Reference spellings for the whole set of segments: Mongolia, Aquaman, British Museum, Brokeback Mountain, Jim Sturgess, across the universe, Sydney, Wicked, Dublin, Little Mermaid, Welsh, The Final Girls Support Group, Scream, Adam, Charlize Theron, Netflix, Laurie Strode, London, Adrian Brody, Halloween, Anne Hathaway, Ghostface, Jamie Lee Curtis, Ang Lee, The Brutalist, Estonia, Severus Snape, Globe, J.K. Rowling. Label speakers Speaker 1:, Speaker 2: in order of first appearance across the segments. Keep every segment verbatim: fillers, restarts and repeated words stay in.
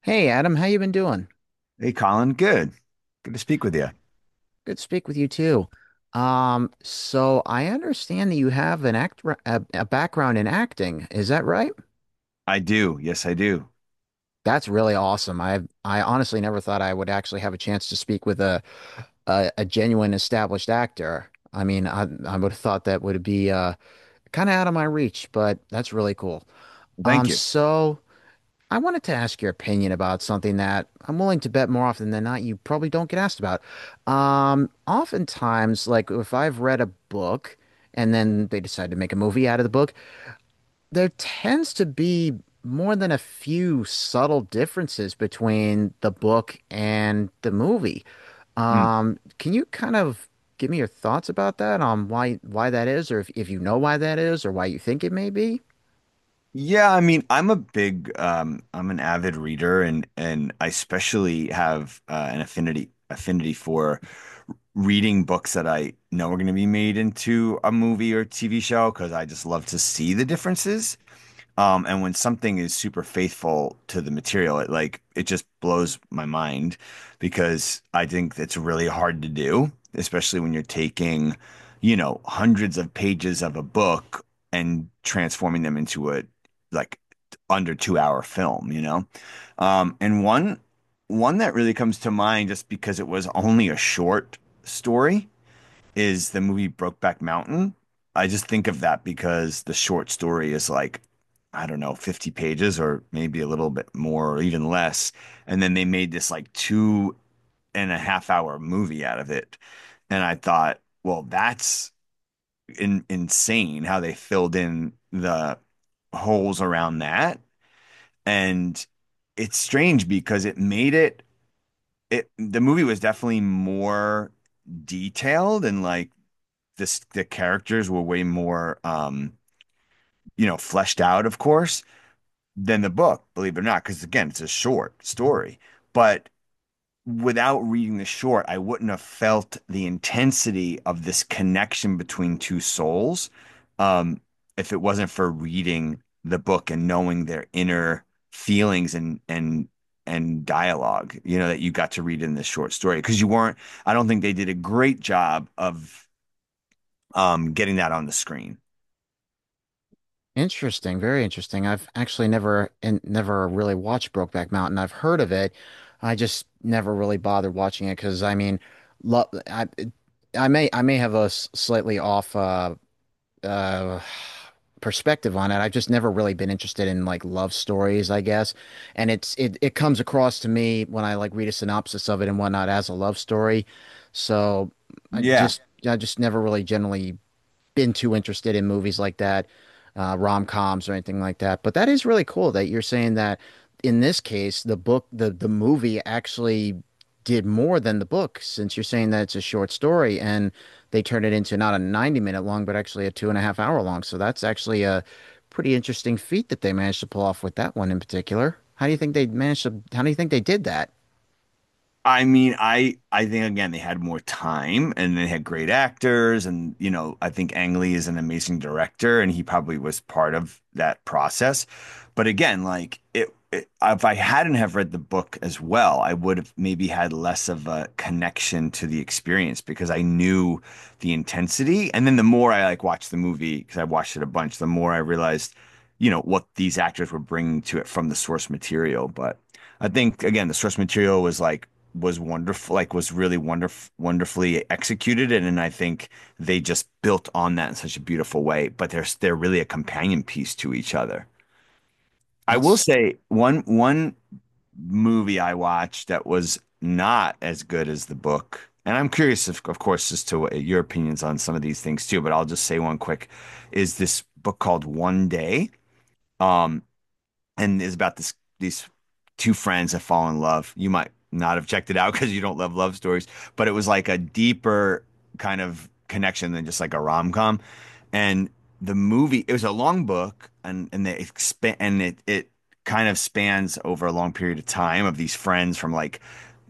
Speaker 1: Hey Adam, how you been doing?
Speaker 2: Hey, Colin. Good. Good to speak with you.
Speaker 1: Good to speak with you too. Um, so I understand that you have an act a, a background in acting. Is that right?
Speaker 2: I do. Yes, I do.
Speaker 1: That's really awesome. I I honestly never thought I would actually have a chance to speak with a a, a genuine established actor. I mean, I I would have thought that would be uh kind of out of my reach, but that's really cool.
Speaker 2: Thank
Speaker 1: Um,
Speaker 2: you.
Speaker 1: so. I wanted to ask your opinion about something that I'm willing to bet more often than not you probably don't get asked about. Um, oftentimes, like if I've read a book and then they decide to make a movie out of the book, there tends to be more than a few subtle differences between the book and the movie.
Speaker 2: Mm.
Speaker 1: Um, can you kind of give me your thoughts about that on why why that is, or if, if you know why that is, or why you think it may be?
Speaker 2: Yeah, I mean, I'm a big, um, I'm an avid reader, and and I especially have uh, an affinity affinity for reading books that I know are going to be made into a movie or T V show because I just love to see the differences. Um, and when something is super faithful to the material, it like it just blows my mind because I think it's really hard to do, especially when you're taking, you know, hundreds of pages of a book and transforming them into a like under two hour film, you know? Um, and one one that really comes to mind just because it was only a short story is the movie Brokeback Mountain. I just think of that because the short story is like, I don't know, fifty pages or maybe a little bit more or even less. And then they made this like two and a half hour movie out of it. And I thought, well, that's in, insane how they filled in the holes around that. And it's strange because it made it, it, the movie was definitely more detailed and like this the characters were way more um, you know, fleshed out, of course, than the book, believe it or not, because again, it's a short story. But without reading the short, I wouldn't have felt the intensity of this connection between two souls, um, if it wasn't for reading the book and knowing their inner feelings and and and dialogue, you know, that you got to read in this short story because you weren't. I don't think they did a great job of, um, getting that on the screen.
Speaker 1: Interesting, very interesting. I've actually never and never really watched Brokeback Mountain. I've heard of it. I just never really bothered watching it because I mean, lo I I may I may have a s- slightly off uh uh perspective on it. I've just never really been interested in like love stories, I guess. And it's it it comes across to me when I like read a synopsis of it and whatnot as a love story. So I
Speaker 2: Yeah,
Speaker 1: just I just never really generally been too interested in movies like that, uh, rom-coms or anything like that. But that is really cool that you're saying that in this case, the book, the the movie actually did more than the book, since you're saying that it's a short story and they turned it into not a ninety minute long, but actually a two and a half hour long. So that's actually a pretty interesting feat that they managed to pull off with that one in particular. How do you think they managed to, how do you think they did that?
Speaker 2: I mean, I I think again they had more time and they had great actors, and you know, I think Ang Lee is an amazing director and he probably was part of that process. But again, like it, it if I hadn't have read the book as well, I would have maybe had less of a connection to the experience because I knew the intensity. And then the more I like watched the movie, because I watched it a bunch, the more I realized, you know, what these actors were bringing to it from the source material. But I think again, the source material was like was wonderful, like was really wonderful, wonderfully executed, and, and I think they just built on that in such a beautiful way. But they're they're really a companion piece to each other. I will
Speaker 1: That's
Speaker 2: say one one movie I watched that was not as good as the book, and I'm curious, of, of course, as to what your opinions on some of these things too. But I'll just say one quick is this book called One Day. Um, and is about this these two friends that fall in love. You might not have checked it out because you don't love love stories, but it was like a deeper kind of connection than just like a rom com. And the movie, it was a long book, and and they expand and it it kind of spans over a long period of time of these friends from like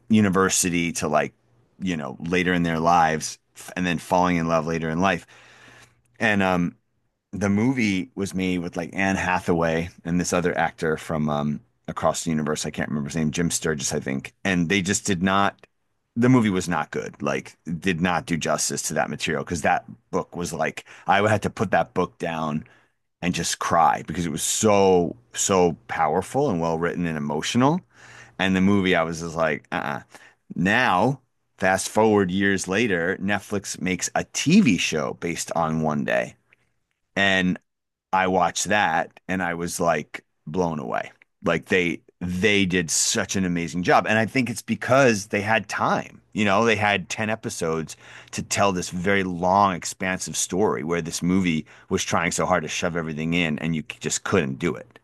Speaker 2: university to like, you know, later in their lives, f- and then falling in love later in life. And, um, the movie was made with like Anne Hathaway and this other actor from, um, across the universe. I can't remember his name, Jim Sturgess, I think. And they just did not. The movie was not good. Like, did not do justice to that material because that book was like I had to put that book down and just cry because it was so so powerful and well written and emotional. And the movie, I was just like, uh-uh. Now, fast forward years later, Netflix makes a T V show based on One Day. And I watched that and I was like blown away. Like they they did such an amazing job. And I think it's because they had time. You know, they had ten episodes to tell this very long, expansive story where this movie was trying so hard to shove everything in and you just couldn't do it.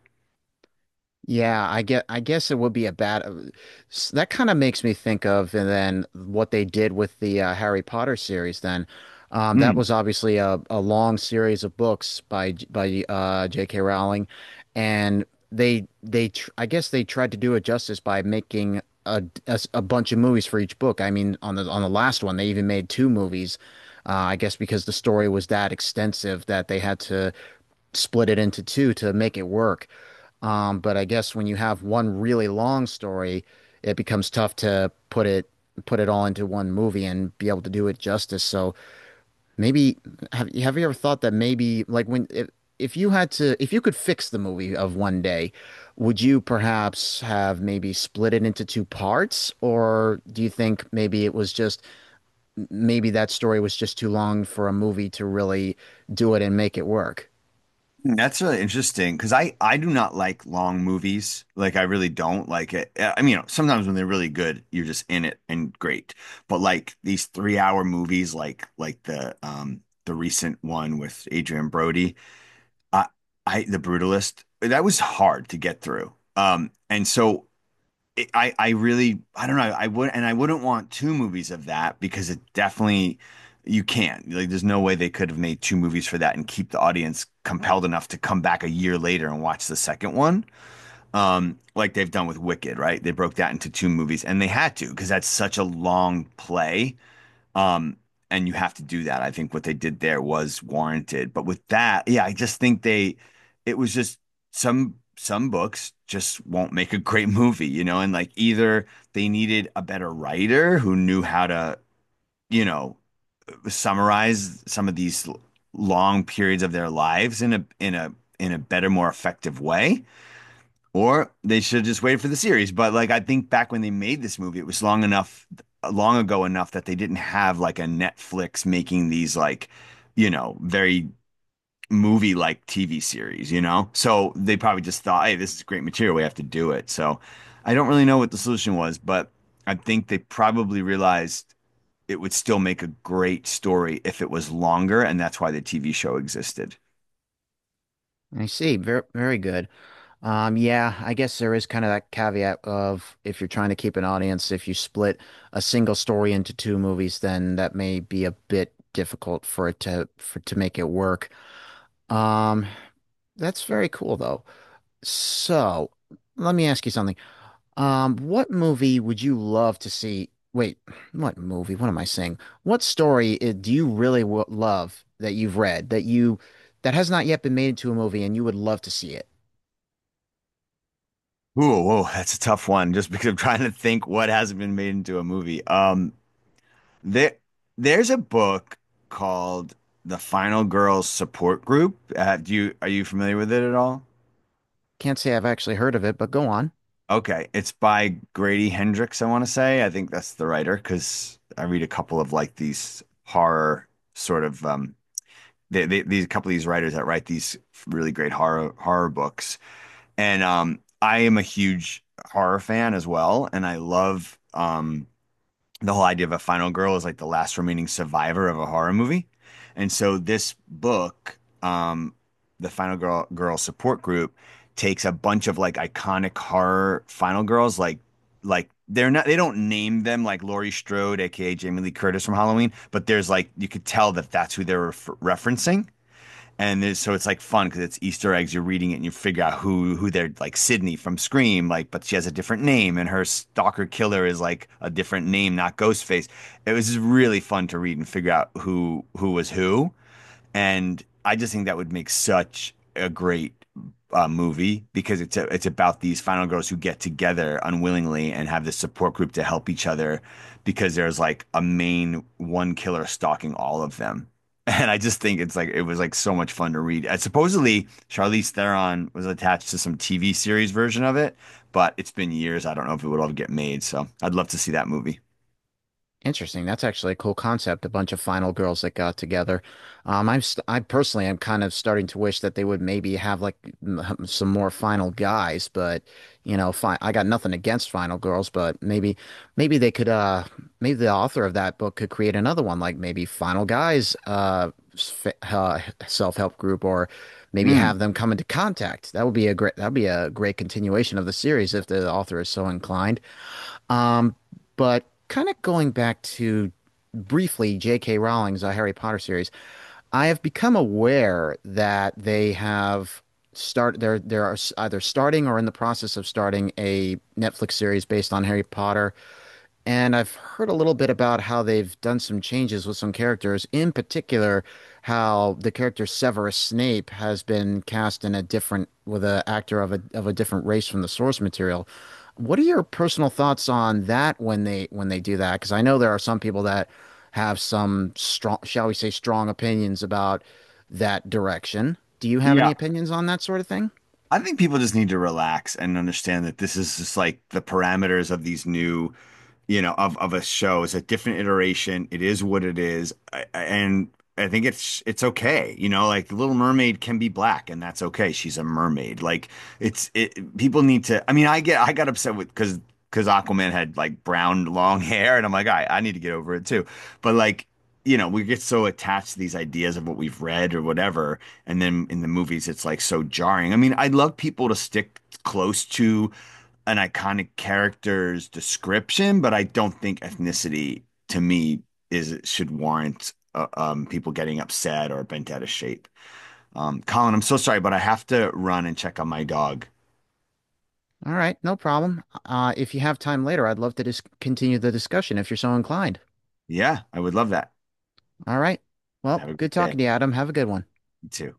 Speaker 1: Yeah, I get I guess it would be a bad uh, s- that kind of makes me think of and then what they did with the uh, Harry Potter series then. Um, that
Speaker 2: Mm.
Speaker 1: was obviously a, a long series of books by J- by uh, J K. Rowling and they they tr I guess they tried to do it justice by making a, a s- a bunch of movies for each book. I mean on the on the last one they even made two movies. Uh, I guess because the story was that extensive that they had to split it into two to make it work. Um, but I guess when you have one really long story, it becomes tough to put it put it all into one movie and be able to do it justice. So maybe have you have you ever thought that maybe like when if, if you had to if you could fix the movie of one day, would you perhaps have maybe split it into two parts? Or do you think maybe it was just maybe that story was just too long for a movie to really do it and make it work?
Speaker 2: That's really interesting because I I do not like long movies. Like I really don't like it. Uh, I mean, you know, sometimes when they're really good, you're just in it and great. But like these three hour movies, like like the um the recent one with Adrian Brody, I I The Brutalist, that was hard to get through. Um, and so it, I I really I don't know I would, and I wouldn't want two movies of that because it definitely you can't, like there's no way they could have made two movies for that and keep the audience compelled enough to come back a year later and watch the second one, um like they've done with Wicked, right? They broke that into two movies and they had to because that's such a long play. Um, and you have to do that. I think what they did there was warranted. But with that, yeah, I just think they, it was just some some books just won't make a great movie, you know, and like either they needed a better writer who knew how to, you know, summarize some of these l- long periods of their lives in a in a in a better, more effective way, or they should just wait for the series. But like I think back when they made this movie, it was long enough, long ago enough that they didn't have like a Netflix making these like, you know, very movie like T V series, you know? So they probably just thought, hey, this is great material. We have to do it. So I don't really know what the solution was, but I think they probably realized it would still make a great story if it was longer, and that's why the T V show existed.
Speaker 1: I see. Very, very good. Um, yeah, I guess there is kind of that caveat of if you're trying to keep an audience, if you split a single story into two movies, then that may be a bit difficult for it to for to make it work. Um, that's very cool though. So, let me ask you something. Um, what movie would you love to see? Wait, what movie? What am I saying? What story i- do you really w love that you've read that you that has not yet been made into a movie and you would love to see it?
Speaker 2: Ooh, whoa, that's a tough one just because I'm trying to think what hasn't been made into a movie. Um, there there's a book called The Final Girls Support Group. Uh, do you are you familiar with it at all?
Speaker 1: Can't say I've actually heard of it, but go on.
Speaker 2: Okay, it's by Grady Hendrix, I want to say. I think that's the writer because I read a couple of like these horror sort of, um they, they, these a couple of these writers that write these really great horror horror books. And, um I am a huge horror fan as well, and I love, um the whole idea of a final girl is like the last remaining survivor of a horror movie. And so this book, um, the Final Girl Girl Support Group, takes a bunch of like iconic horror final girls, like like they're not, they don't name them like Laurie Strode, aka Jamie Lee Curtis from Halloween, but there's like you could tell that that's who they're ref referencing, and so it's like fun because it's Easter eggs. You're reading it and you figure out who who they're like Sydney from Scream, like, but she has a different name, and her stalker killer is like a different name, not Ghostface. It was just really fun to read and figure out who who was who. And I just think that would make such a great, uh, movie because it's a, it's about these final girls who get together unwillingly and have this support group to help each other because there's like a main one killer stalking all of them. And I just think it's like it was like so much fun to read. Uh, supposedly Charlize Theron was attached to some T V series version of it, but it's been years. I don't know if it would all get made. So I'd love to see that movie.
Speaker 1: Interesting. That's actually a cool concept. A bunch of final girls that got together. Um, I'm st I personally am kind of starting to wish that they would maybe have like m- some more final guys, but you know, fine. I got nothing against final girls, but maybe maybe they could uh maybe the author of that book could create another one like maybe final guys uh, s- f- uh self-help group or maybe
Speaker 2: Hmm.
Speaker 1: have them come into contact. That would be a great that would be a great continuation of the series if the author is so inclined. Um, but kind of going back to briefly J K. Rowling's uh, Harry Potter series, I have become aware that they have start there there are s- either starting or in the process of starting a Netflix series based on Harry Potter. And I've heard a little bit about how they've done some changes with some characters, in particular, how the character Severus Snape has been cast in a different with an actor of a of a different race from the source material. What are your personal thoughts on that when they when they do that? Because I know there are some people that have some strong, shall we say, strong opinions about that direction. Do you have any
Speaker 2: Yeah,
Speaker 1: opinions on that sort of thing?
Speaker 2: I think people just need to relax and understand that this is just like the parameters of these new, you know, of of a show. It's a different iteration. It is what it is. I, I- and I think it's it's okay. You know, like Little Mermaid can be black and that's okay. She's a mermaid. Like it's it people need to, I mean, I get I got upset with because because Aquaman had like brown long hair and I'm like, all right, I need to get over it too. But like, you know, we get so attached to these ideas of what we've read or whatever, and then in the movies, it's like so jarring. I mean, I'd love people to stick close to an iconic character's description, but I don't think ethnicity to me is should warrant, uh, um, people getting upset or bent out of shape. Um, Colin, I'm so sorry, but I have to run and check on my dog.
Speaker 1: All right, no problem. Uh, if you have time later, I'd love to just continue the discussion if you're so inclined.
Speaker 2: Yeah, I would love that.
Speaker 1: All right. Well,
Speaker 2: Have a
Speaker 1: good
Speaker 2: great
Speaker 1: talking
Speaker 2: day.
Speaker 1: to you, Adam. Have a good one.
Speaker 2: You too.